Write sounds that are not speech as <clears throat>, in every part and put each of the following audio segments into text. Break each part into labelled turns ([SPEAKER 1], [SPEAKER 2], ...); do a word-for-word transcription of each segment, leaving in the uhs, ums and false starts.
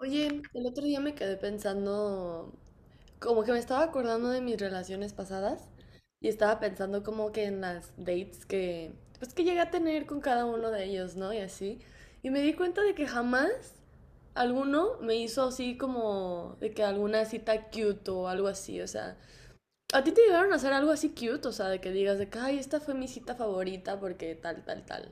[SPEAKER 1] Oye, el otro día me quedé pensando, como que me estaba acordando de mis relaciones pasadas y estaba pensando como que en las dates que, pues que llegué a tener con cada uno de ellos, ¿no? Y así. Y me di cuenta de que jamás alguno me hizo así como de que alguna cita cute o algo así, o sea, ¿a ti te llegaron a hacer algo así cute? O sea, de que digas de que, ay, esta fue mi cita favorita porque tal, tal, tal.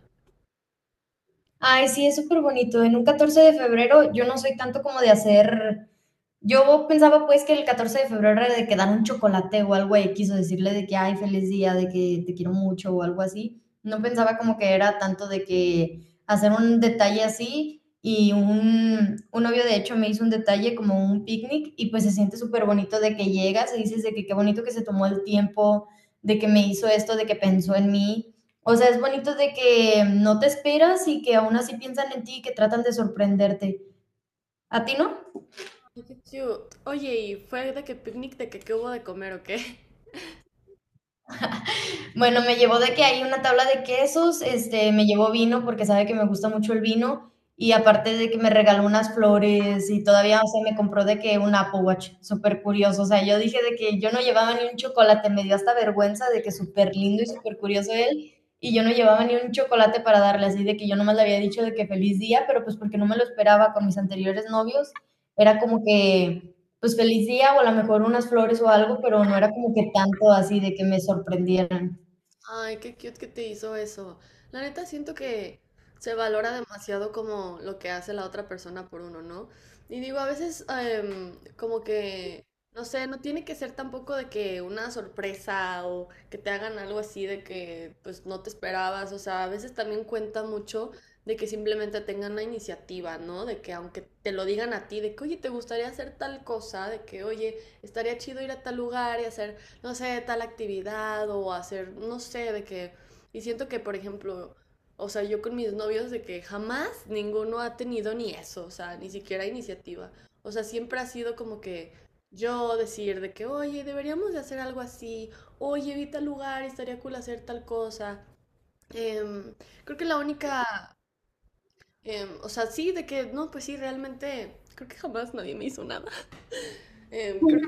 [SPEAKER 2] Ay, sí, es súper bonito. En un catorce de febrero yo no soy tanto como de hacer, yo pensaba pues que el catorce de febrero era de que dan un chocolate o algo X quiso decirle de que, ay, feliz día, de que te quiero mucho o algo así. No pensaba como que era tanto de que hacer un detalle así y un, un novio de hecho me hizo un detalle como un picnic y pues se siente súper bonito de que llegas y dices de que qué bonito que se tomó el tiempo, de que me hizo esto, de que pensó en mí. O sea, es bonito de que no te esperas y que aún así piensan en ti y que tratan de sorprenderte. ¿A ti no?
[SPEAKER 1] Ay, qué cute. Oye, ¿y fue de que picnic, de que qué hubo de comer o qué? <laughs>
[SPEAKER 2] Bueno, me llevó de que hay una tabla de quesos, este, me llevó vino porque sabe que me gusta mucho el vino y aparte de que me regaló unas flores y todavía, o sea, me compró de que un Apple Watch, súper curioso, o sea, yo dije de que yo no llevaba ni un chocolate, me dio hasta vergüenza de que súper lindo y súper curioso él y yo no llevaba ni un chocolate para darle, así de que yo nomás le había dicho de que feliz día, pero pues porque no me lo esperaba con mis anteriores novios, era como que pues feliz día o a lo mejor unas flores o algo, pero no era como que tanto así de que me sorprendieran.
[SPEAKER 1] Ay, qué cute que te hizo eso. La neta siento que se valora demasiado como lo que hace la otra persona por uno, ¿no? Y digo, a veces em, como que, no sé, no tiene que ser tampoco de que una sorpresa o que te hagan algo así de que pues no te esperabas. O sea, a veces también cuenta mucho de que simplemente tengan la iniciativa, ¿no? De que aunque te lo digan a ti, de que, oye, ¿te gustaría hacer tal cosa? De que, oye, estaría chido ir a tal lugar y hacer no sé, tal actividad o hacer, no sé, de que. Y siento que, por ejemplo, o sea, yo con mis novios de que jamás ninguno ha tenido ni eso, o sea, ni siquiera iniciativa. O sea, siempre ha sido como que yo decir de que, oye, deberíamos de hacer algo así, oye, vi tal lugar, estaría cool hacer tal cosa. Em, creo que la única, em, o sea, sí, de que, no, pues sí, realmente, creo que jamás nadie me hizo nada. Em, creo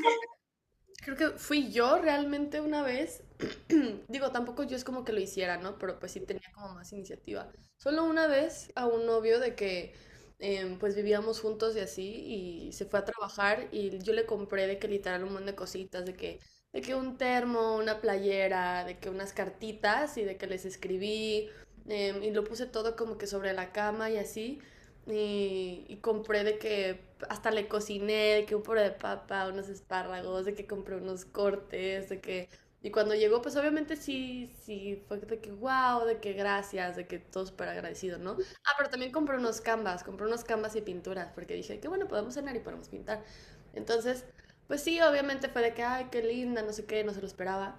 [SPEAKER 1] Creo que fui yo realmente una vez. <clears throat> Digo, tampoco yo es como que lo hiciera, ¿no? Pero pues sí tenía como más iniciativa. Solo una vez a un novio de que em, pues vivíamos juntos y así y se fue a trabajar y yo le compré de que literal un montón de cositas, de que, de que un termo, una playera, de que unas cartitas y de que les escribí em, y lo puse todo como que sobre la cama y así. Y, y compré de que hasta le cociné, de que un puré de papa, unos espárragos, de que compré unos cortes, de que. Y cuando llegó, pues obviamente sí, sí, fue de que wow, de que gracias, de que todo súper agradecido, ¿no? Ah, pero también compré unos canvas, compré unos canvas y pinturas, porque dije, qué bueno, podemos cenar y podemos pintar. Entonces, pues sí, obviamente fue de que, ay, qué linda, no sé qué, no se lo esperaba.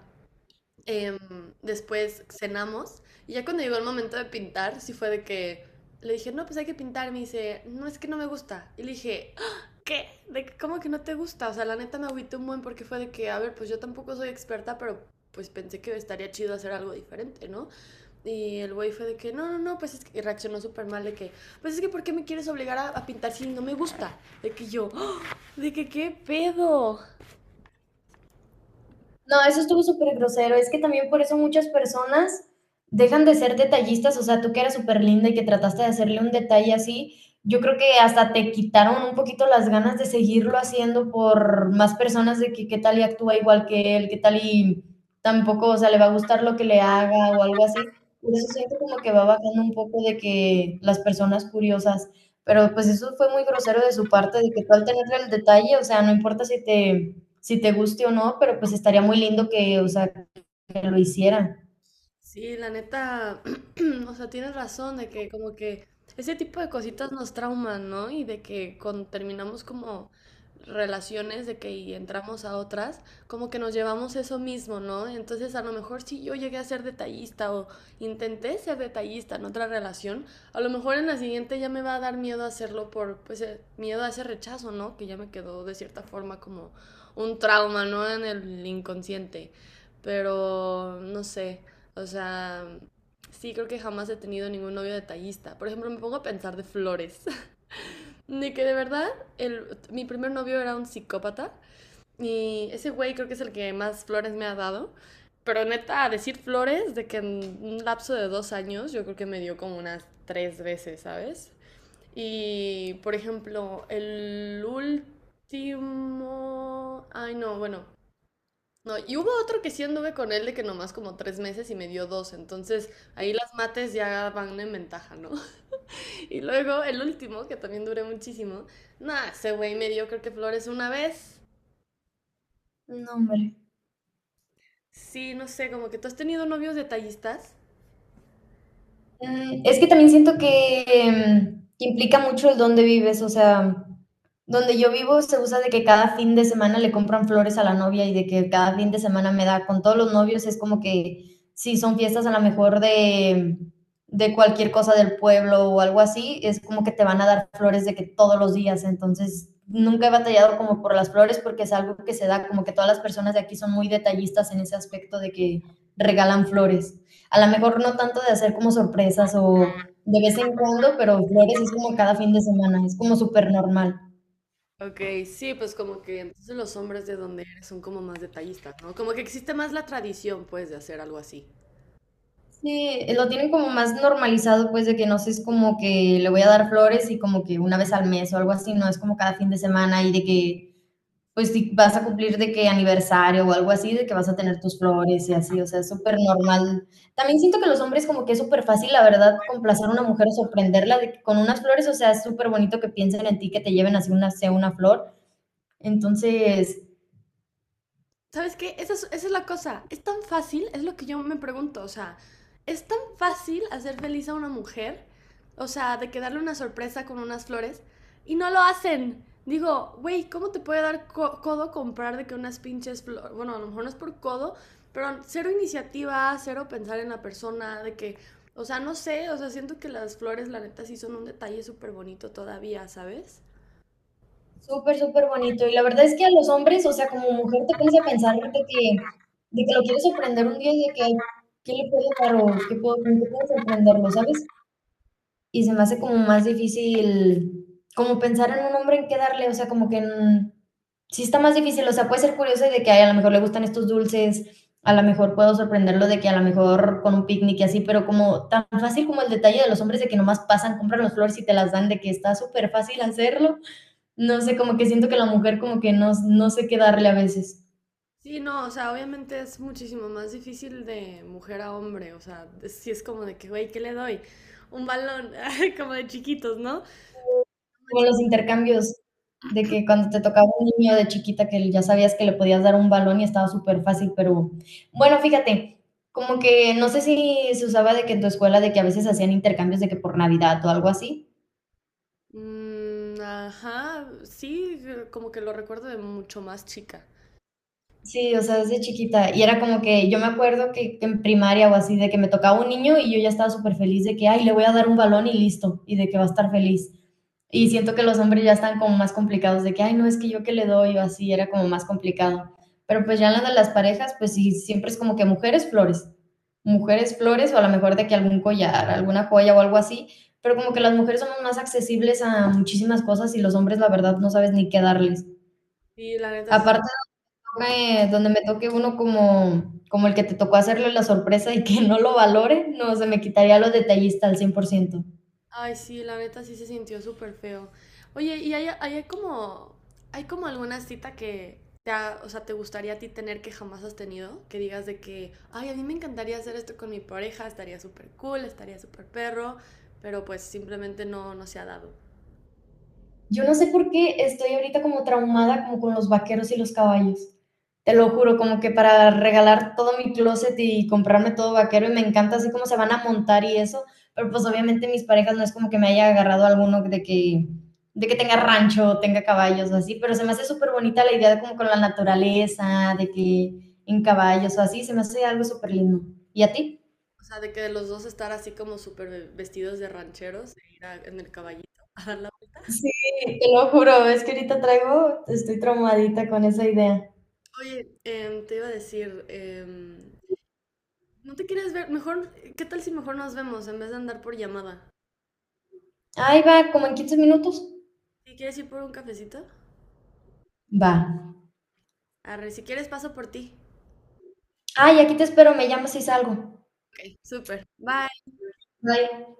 [SPEAKER 1] Em, después cenamos y ya cuando llegó el momento de pintar, sí fue de que le dije, no, pues hay que pintar. Me dice, no, es que no me gusta. Y le dije, "Ah, ¿qué? ¿De que- cómo que no te gusta?" O sea, la neta me agüité un buen porque fue de que, a ver, pues yo tampoco soy experta, pero pues pensé que estaría chido hacer algo diferente, ¿no? Y el güey fue de que, no, no, no, pues es que y reaccionó súper mal de que, pues es que, ¿por qué me quieres obligar a, a pintar si no me gusta? De que yo, "Ah, de que qué pedo."
[SPEAKER 2] No, eso estuvo súper grosero. Es que también por eso muchas personas dejan de ser detallistas. O sea, tú que eras súper linda y que trataste de hacerle un detalle así, yo creo que hasta te quitaron un poquito las ganas de seguirlo haciendo por más personas de que qué tal y actúa igual que él, qué tal y tampoco, o sea, le va a gustar lo que le haga o algo así. Por eso siento como que va bajando un poco de que las personas curiosas, pero pues eso fue muy grosero de su parte, de que tú al tener el detalle, o sea, no importa si te, si te guste o no, pero pues estaría muy lindo que, o sea, que lo hicieran.
[SPEAKER 1] Sí, la neta, <clears throat> o sea, tienes razón de que como que ese tipo de cositas nos trauman, ¿no? Y de que cuando terminamos como relaciones de que y entramos a otras, como que nos llevamos eso mismo, ¿no? Entonces, a lo mejor si yo llegué a ser detallista o intenté ser detallista en otra relación, a lo mejor en la siguiente ya me va a dar miedo hacerlo por, pues, eh, miedo a ese rechazo, ¿no? Que ya me quedó de cierta forma como un trauma, ¿no? En el inconsciente. Pero, no sé. O sea, sí, creo que jamás he tenido ningún novio detallista. Por ejemplo, me pongo a pensar de flores. <laughs> De que de verdad, el, mi primer novio era un psicópata. Y ese güey creo que es el que más flores me ha dado. Pero neta, a decir flores, de que en un lapso de dos años, yo creo que me dio como unas tres veces, ¿sabes? Y, por ejemplo, el último. Ay, no, bueno, no, y hubo otro que sí anduve con él de que nomás como tres meses y me dio dos, entonces ahí las mates ya van en ventaja, ¿no? <laughs> Y luego el último, que también duré muchísimo, nada, ese güey me dio creo que flores una vez.
[SPEAKER 2] No, hombre.
[SPEAKER 1] Sí, no sé, como que tú has tenido novios detallistas.
[SPEAKER 2] Mm, es que también siento que, em, que implica mucho el dónde vives, o sea, donde yo vivo se usa de que cada fin de semana le compran flores a la novia y de que cada fin de semana me da con todos los novios, es como que si son fiestas a lo mejor de, de cualquier cosa del pueblo o algo así, es como que te van a dar flores de que todos los días, entonces nunca he batallado como por las flores porque es algo que se da, como que todas las personas de aquí son muy detallistas en ese aspecto de que regalan flores. A lo mejor no tanto de hacer como sorpresas o de vez en cuando, pero flores es como cada fin de semana, es como súper normal.
[SPEAKER 1] Ok, sí, pues como que entonces los hombres de donde eres son como más detallistas, ¿no? Como que existe más la tradición, pues, de hacer algo así.
[SPEAKER 2] Sí, lo tienen como más normalizado, pues, de que no sé, es como que le voy a dar flores y como que una vez al mes o algo así, no es como cada fin de semana y de que, pues, si vas a cumplir de que aniversario o algo así, de que vas a tener tus flores y así, o sea, es súper normal. También siento que los hombres como que es súper fácil, la verdad, complacer a una mujer o sorprenderla de que con unas flores, o sea, es súper bonito que piensen en ti, que te lleven así una, sea una flor. Entonces,
[SPEAKER 1] ¿Sabes qué? Esa es, esa es la cosa. Es tan fácil, es lo que yo me pregunto. O sea, es tan fácil hacer feliz a una mujer, o sea, de que darle una sorpresa con unas flores, y no lo hacen. Digo, güey, ¿cómo te puede dar co- codo comprar de que unas pinches flores? Bueno, a lo mejor no es por codo, pero cero iniciativa, cero pensar en la persona, de que, o sea, no sé, o sea, siento que las flores, la neta, sí son un detalle súper bonito todavía, ¿sabes?
[SPEAKER 2] súper, súper bonito. Y la verdad es que a los hombres, o sea, como mujer te pones a pensar de que, de que lo quieres sorprender un día y de que, ¿qué le puedo dar o qué puedo, con qué puedo sorprenderlo, sabes? Y se me hace como más difícil, como pensar en un hombre en qué darle, o sea, como que mm, sí está más difícil, o sea, puede ser curioso de que ay, a lo mejor le gustan estos dulces, a lo mejor puedo sorprenderlo de que a lo mejor con un picnic y así, pero como tan fácil como el detalle de los hombres de que nomás pasan, compran las flores y te las dan, de que está súper fácil hacerlo. No sé, como que siento que la mujer como que no no sé qué darle a veces.
[SPEAKER 1] Sí, no, o sea, obviamente es muchísimo más difícil de mujer a hombre, o sea, si es como de que, güey, ¿qué le doy? Un balón, <laughs> como de chiquitos, ¿no?
[SPEAKER 2] Como los intercambios, de que cuando te tocaba un niño de chiquita que ya sabías que le podías dar un balón y estaba súper fácil pero bueno, fíjate, como que no sé si se usaba de que en tu escuela de que a veces hacían intercambios de que por Navidad o algo así.
[SPEAKER 1] Mm, ajá, sí, como que lo recuerdo de mucho más chica.
[SPEAKER 2] Sí, o sea, desde chiquita. Y era como que yo me acuerdo que en primaria o así, de que me tocaba un niño y yo ya estaba súper feliz de que, ay, le voy a dar un balón y listo, y de que va a estar feliz. Y siento que los hombres ya están como más complicados de que, ay, no, es que yo que le doy o así, era como más complicado. Pero pues ya en la de las parejas, pues sí, siempre es como que mujeres flores, mujeres flores o a lo mejor de que algún collar, alguna joya o algo así, pero como que las mujeres somos más accesibles a muchísimas cosas y los hombres la verdad no sabes ni qué darles.
[SPEAKER 1] Y la neta sí
[SPEAKER 2] Aparte toque, donde me toque uno como, como el que te tocó hacerle la sorpresa y que <laughs> no lo valore, no, se me quitaría los detallistas al cien por ciento.
[SPEAKER 1] Ay, sí, la neta sí se sintió súper feo. Oye, ¿y hay, hay como, hay como alguna cita que te, ha- o sea, te gustaría a ti tener que jamás has tenido? Que digas de que, ay, a mí me encantaría hacer esto con mi pareja, estaría súper cool, estaría súper perro, pero pues simplemente no, no se ha dado.
[SPEAKER 2] Yo no sé por qué estoy ahorita como traumada como con los vaqueros y los caballos. Te lo juro, como que para regalar todo mi closet y comprarme todo vaquero y me encanta así como se van a montar y eso, pero pues obviamente mis parejas no es como que me haya agarrado alguno de que de que tenga rancho, o tenga caballos o así, pero se me hace súper bonita la idea de como con la naturaleza, de que en caballos o así, se me hace algo súper lindo. ¿Y a ti?
[SPEAKER 1] O sea, de que de los dos estar así como súper ve- vestidos de rancheros e ir a- en el caballito <laughs> a dar la vuelta.
[SPEAKER 2] Sí, te lo juro, es que ahorita traigo, estoy traumadita con esa idea.
[SPEAKER 1] Oye, em, te iba a decir, em, ¿no te quieres ver? Mejor, ¿qué tal si mejor nos vemos en vez de andar por llamada?
[SPEAKER 2] Ahí va, como en quince minutos.
[SPEAKER 1] ¿Sí quieres ir por un cafecito?
[SPEAKER 2] Va.
[SPEAKER 1] Arre, si quieres paso por ti.
[SPEAKER 2] Ay, aquí te espero, me llamas si salgo.
[SPEAKER 1] Ok. Súper. Bye.
[SPEAKER 2] Bye.